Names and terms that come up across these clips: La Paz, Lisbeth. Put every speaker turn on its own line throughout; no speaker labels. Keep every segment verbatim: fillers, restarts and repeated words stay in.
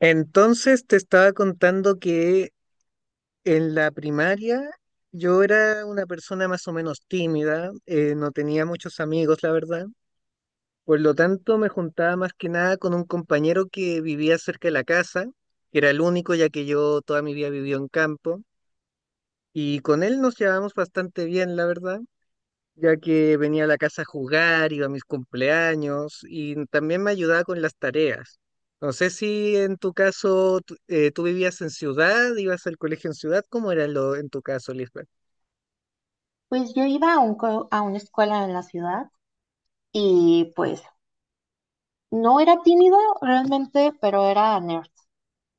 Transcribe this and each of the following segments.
Entonces te estaba contando que en la primaria yo era una persona más o menos tímida, eh, no tenía muchos amigos, la verdad. Por lo tanto, me juntaba más que nada con un compañero que vivía cerca de la casa, que era el único, ya que yo toda mi vida viví en campo, y con él nos llevábamos bastante bien, la verdad, ya que venía a la casa a jugar, iba a mis cumpleaños y también me ayudaba con las tareas. No sé si en tu caso tú, eh, tú vivías en ciudad, ibas al colegio en ciudad, ¿cómo era lo en tu caso, Lisbeth?
Pues yo iba a, un co- a una escuela en la ciudad y pues no era tímido realmente, pero era nerd.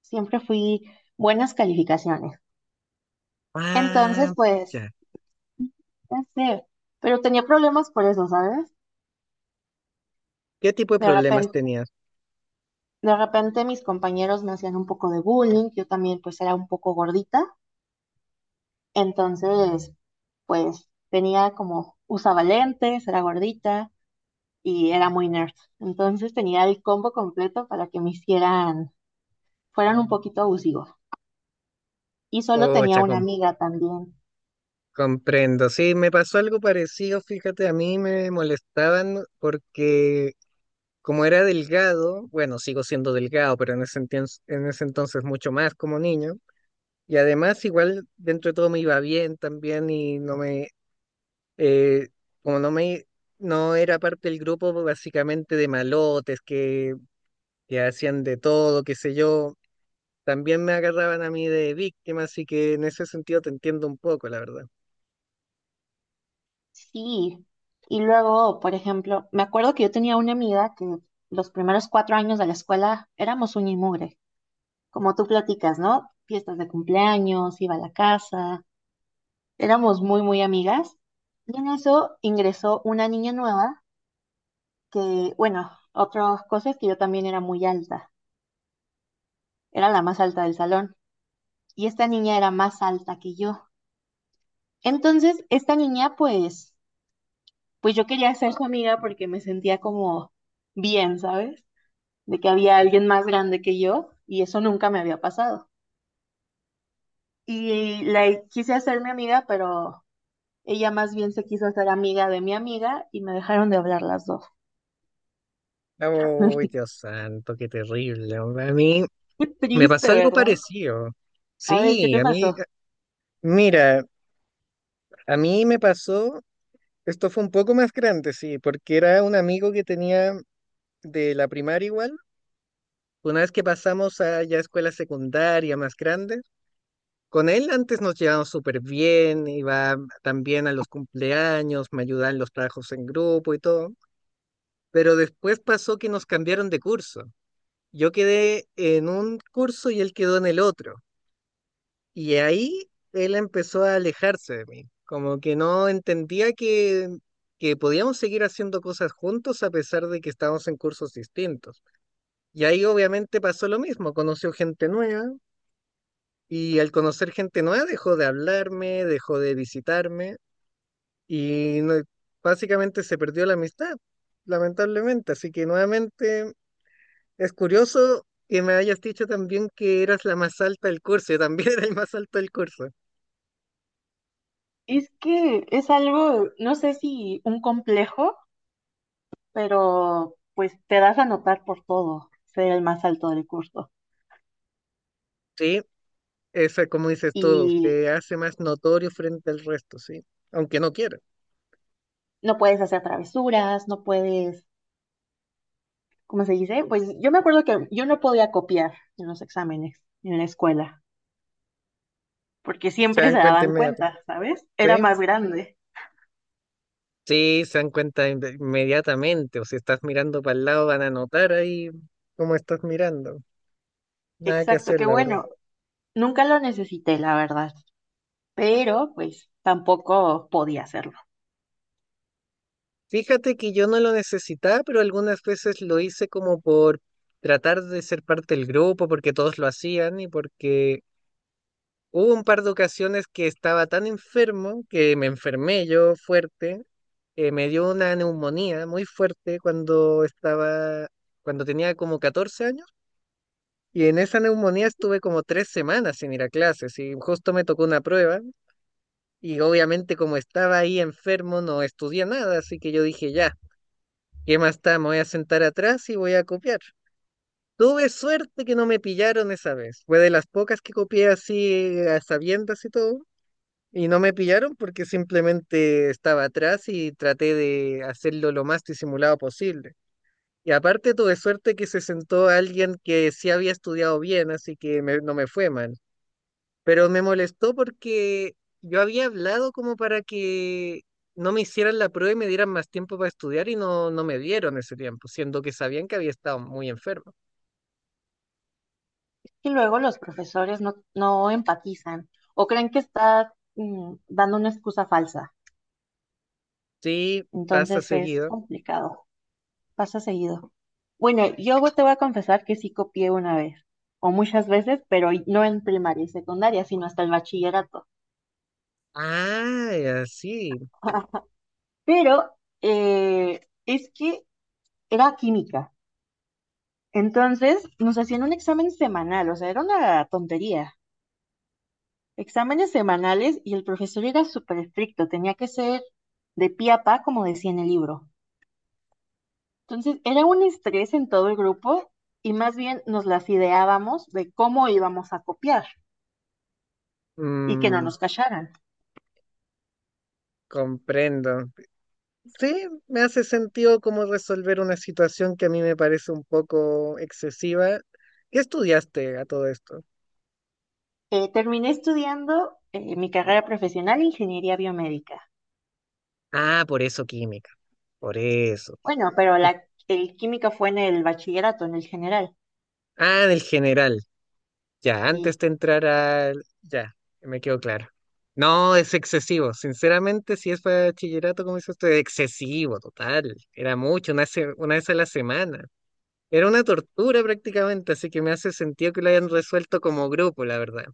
Siempre fui buenas calificaciones. Entonces,
Ah,
pues,
ya.
no sé, pero tenía problemas por eso, ¿sabes?
¿Qué tipo de
De
problemas
repente,
tenías?
de repente mis compañeros me hacían un poco de bullying, yo también pues era un poco gordita, entonces pues tenía como, usaba lentes, era gordita y era muy nerd. Entonces tenía el combo completo para que me hicieran fueron un poquito abusivos. Y solo
Oh,
tenía una
chacón.
amiga también.
Comprendo, sí, me pasó algo parecido, fíjate, a mí me molestaban porque como era delgado, bueno, sigo siendo delgado, pero en ese entien- en ese entonces mucho más como niño. Y además, igual dentro de todo me iba bien también y no me, eh, como no me, no era parte del grupo básicamente de malotes que, que hacían de todo, qué sé yo, también me agarraban a mí de víctima, así que en ese sentido te entiendo un poco, la verdad.
Sí. Y luego, por ejemplo, me acuerdo que yo tenía una amiga que los primeros cuatro años de la escuela éramos un y mugre, como tú platicas, ¿no? Fiestas de cumpleaños, iba a la casa, éramos muy, muy amigas. Y en eso ingresó una niña nueva que, bueno, otra cosa es que yo también era muy alta, era la más alta del salón. Y esta niña era más alta que yo. Entonces, esta niña, pues, pues yo quería ser su amiga porque me sentía como bien, ¿sabes? De que había alguien más grande que yo y eso nunca me había pasado. Y la quise hacer mi amiga, pero ella más bien se quiso hacer amiga de mi amiga y me dejaron de hablar las dos.
Uy, Dios santo, qué terrible, hombre. A mí
Qué
me
triste,
pasó algo
¿verdad?
parecido.
A ver, ¿qué
Sí,
te
a mí,
pasó?
mira, a mí me pasó, esto fue un poco más grande, sí, porque era un amigo que tenía de la primaria igual. Una vez que pasamos a ya escuela secundaria más grande, con él antes nos llevamos súper bien, iba también a los cumpleaños, me ayudaba en los trabajos en grupo y todo, pero después pasó que nos cambiaron de curso. Yo quedé en un curso y él quedó en el otro, y ahí él empezó a alejarse de mí, como que no entendía que, que podíamos seguir haciendo cosas juntos a pesar de que estábamos en cursos distintos. Y ahí obviamente pasó lo mismo, conoció gente nueva. Y al conocer gente nueva dejó de hablarme, dejó de visitarme y no- básicamente se perdió la amistad, lamentablemente. Así que nuevamente es curioso que me hayas dicho también que eras la más alta del curso. Yo también era el más alto del curso.
Es que es algo, no sé si un complejo, pero pues te das a notar por todo, ser el más alto del curso.
Sí, eso, como dices tú,
Y
te hace más notorio frente al resto, sí. Aunque no quiera.
no puedes hacer travesuras, no puedes, ¿cómo se dice? Pues yo me acuerdo que yo no podía copiar en los exámenes en la escuela, porque
Se
siempre
dan
se
cuenta
daban
inmediatamente.
cuenta, ¿sabes? Era
Sí,
más grande.
sí, se dan cuenta inve- inmediatamente. O si estás mirando para el lado van a notar ahí cómo estás mirando. Nada que
Exacto,
hacer,
qué
la verdad.
bueno. Nunca lo necesité, la verdad, pero pues tampoco podía hacerlo.
Fíjate que yo no lo necesitaba, pero algunas veces lo hice como por tratar de ser parte del grupo, porque todos lo hacían y porque hubo un par de ocasiones que estaba tan enfermo que me enfermé yo fuerte. Eh, me dio una neumonía muy fuerte cuando estaba, cuando tenía como catorce años. Y en esa neumonía estuve como tres semanas sin ir a clases y justo me tocó una prueba. Y obviamente como estaba ahí enfermo no estudié nada, así que yo dije, ya, ¿qué más está? Me voy a sentar atrás y voy a copiar. Tuve suerte que no me pillaron esa vez. Fue de las pocas que copié así a sabiendas y todo. Y no me pillaron porque simplemente estaba atrás y traté de hacerlo lo más disimulado posible. Y aparte tuve suerte que se sentó alguien que sí había estudiado bien, así que me- no me fue mal. Pero me molestó porque yo había hablado como para que no me hicieran la prueba y me dieran más tiempo para estudiar y no, no me dieron ese tiempo, siendo que sabían que había estado muy enfermo.
Y luego los profesores no, no empatizan o creen que está mm, dando una excusa falsa.
Sí, pasa
Entonces es
seguido.
complicado. Pasa seguido. Bueno, yo te voy a confesar que sí copié una vez, o muchas veces, pero no en primaria y secundaria, sino hasta el bachillerato.
Ah, ya, sí.
Pero eh, es que era química. Entonces nos hacían un examen semanal, o sea, era una tontería. Exámenes semanales y el profesor era súper estricto, tenía que ser de pie a pa, como decía en el libro. Entonces era un estrés en todo el grupo y más bien nos las ideábamos de cómo íbamos a copiar y que no
Mm,
nos callaran.
comprendo. Sí, me hace sentido como resolver una situación que a mí me parece un poco excesiva. ¿Qué estudiaste a todo esto?
Eh, terminé estudiando eh, mi carrera profesional, ingeniería biomédica.
Ah, por eso química, por eso.
Bueno, pero la, el química fue en el bachillerato, en el general.
Ah, del general. Ya,
Y
antes de entrar al... Ya, me quedó claro. No, es excesivo. Sinceramente, si es para bachillerato, como dice usted, excesivo, total. Era mucho, una, se- una vez a la semana. Era una tortura prácticamente, así que me hace sentido que lo hayan resuelto como grupo, la verdad.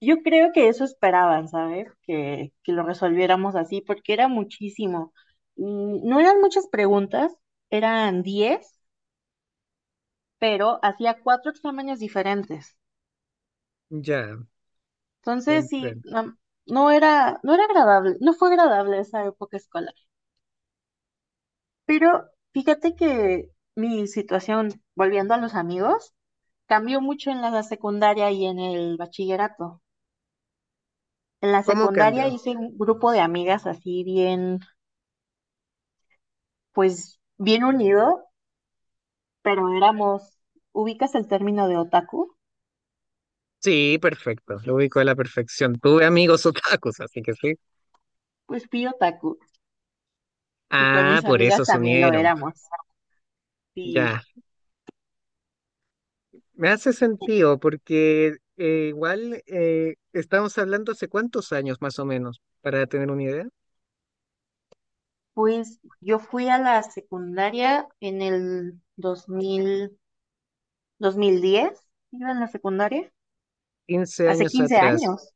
yo creo que eso esperaban, ¿sabes? Que, que lo resolviéramos así, porque era muchísimo. Mm, No eran muchas preguntas, eran diez, pero hacía cuatro exámenes diferentes.
Ya,
Entonces, sí,
comprendo.
no, no era, no era agradable, no fue agradable esa época escolar. Pero fíjate que mi situación, volviendo a los amigos, cambió mucho en la secundaria y en el bachillerato. En la
¿Cómo
secundaria
cambió?
hice un grupo de amigas así bien, pues bien unido, pero éramos, ubicas el término de otaku,
Sí, perfecto. Lo ubico a la perfección. Tuve amigos otakus, así que sí.
pues fui otaku y con
Ah,
mis
por eso
amigas
se
también lo
unieron.
éramos. Y
Ya. Me hace sentido porque eh, igual eh, estamos hablando hace cuántos años más o menos, para tener una idea,
pues yo fui a la secundaria en el dos mil, dos mil diez, iba en la secundaria,
quince
hace
años
quince
atrás.
años,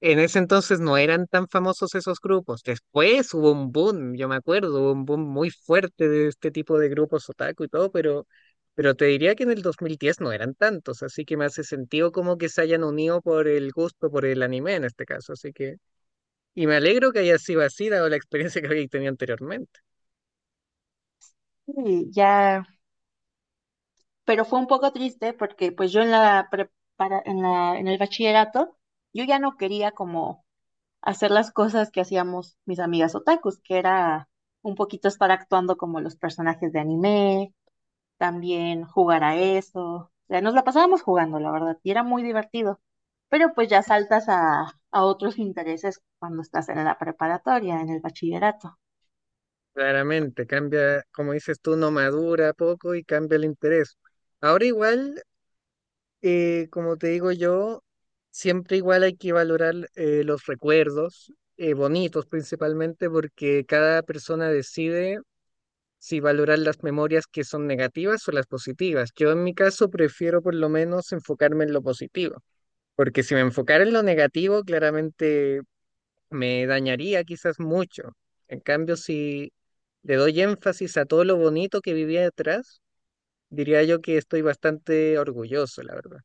En ese entonces no eran tan famosos esos grupos. Después hubo un boom, yo me acuerdo, hubo un boom muy fuerte de este tipo de grupos otaku y todo, pero, pero te diría que en el dos mil diez no eran tantos, así que me hace sentido como que se hayan unido por el gusto, por el anime en este caso, así que... Y me alegro que haya sido así, dado la experiencia que había tenido anteriormente.
Sí, ya, pero fue un poco triste porque pues yo en la prepara- en la, en el bachillerato, yo ya no quería como hacer las cosas que hacíamos mis amigas otakus, que era un poquito estar actuando como los personajes de anime, también jugar a eso. O sea, nos la pasábamos jugando, la verdad, y era muy divertido. Pero pues ya saltas a, a otros intereses cuando estás en la preparatoria, en el bachillerato.
Claramente, cambia, como dices tú, no madura poco y cambia el interés. Ahora igual, eh, como te digo yo, siempre igual hay que valorar eh, los recuerdos, eh, bonitos principalmente, porque cada persona decide si valorar las memorias que son negativas o las positivas. Yo en mi caso prefiero por lo menos enfocarme en lo positivo, porque si me enfocara en lo negativo, claramente me dañaría quizás mucho. En cambio, si le doy énfasis a todo lo bonito que vivía detrás, diría yo que estoy bastante orgulloso, la verdad.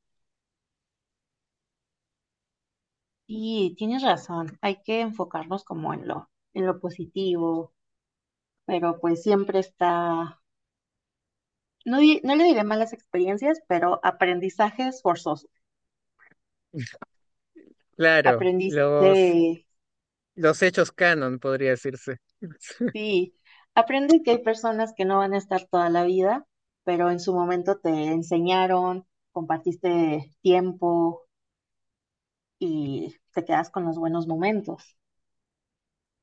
Y tienes razón, hay que enfocarnos como en lo, en lo positivo, pero pues siempre está, no, di- no le diré malas experiencias, pero aprendizajes forzosos.
Claro,
Aprendiste,
los, los hechos canon, podría decirse,
sí, aprende que hay personas que no van a estar toda la vida, pero en su momento te enseñaron, compartiste tiempo y te quedas con los buenos momentos.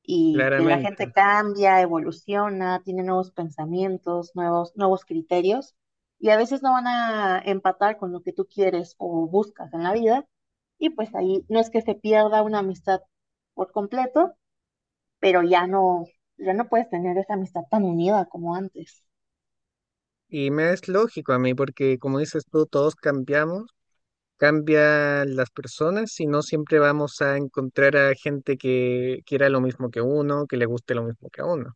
Y que la
claramente.
gente cambia, evoluciona, tiene nuevos pensamientos, nuevos, nuevos criterios, y a veces no van a empatar con lo que tú quieres o buscas en la vida y pues ahí no es que se pierda una amistad por completo, pero ya no, ya no, puedes tener esa amistad tan unida como antes.
Y me es lógico a mí, porque como dices tú, todos cambiamos, cambian las personas y no siempre vamos a encontrar a gente que quiera lo mismo que uno, que le guste lo mismo que a uno.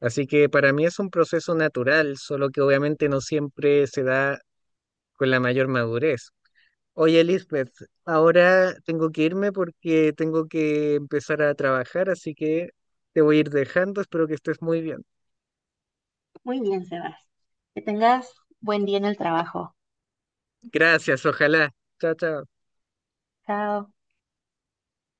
Así que para mí es un proceso natural, solo que obviamente no siempre se da con la mayor madurez. Oye, Lisbeth, ahora tengo que irme porque tengo que empezar a trabajar, así que te voy a ir dejando. Espero que estés muy bien.
Muy bien, Sebas. Que tengas buen día en el trabajo.
Gracias, ojalá. Chao, chao.
Chao.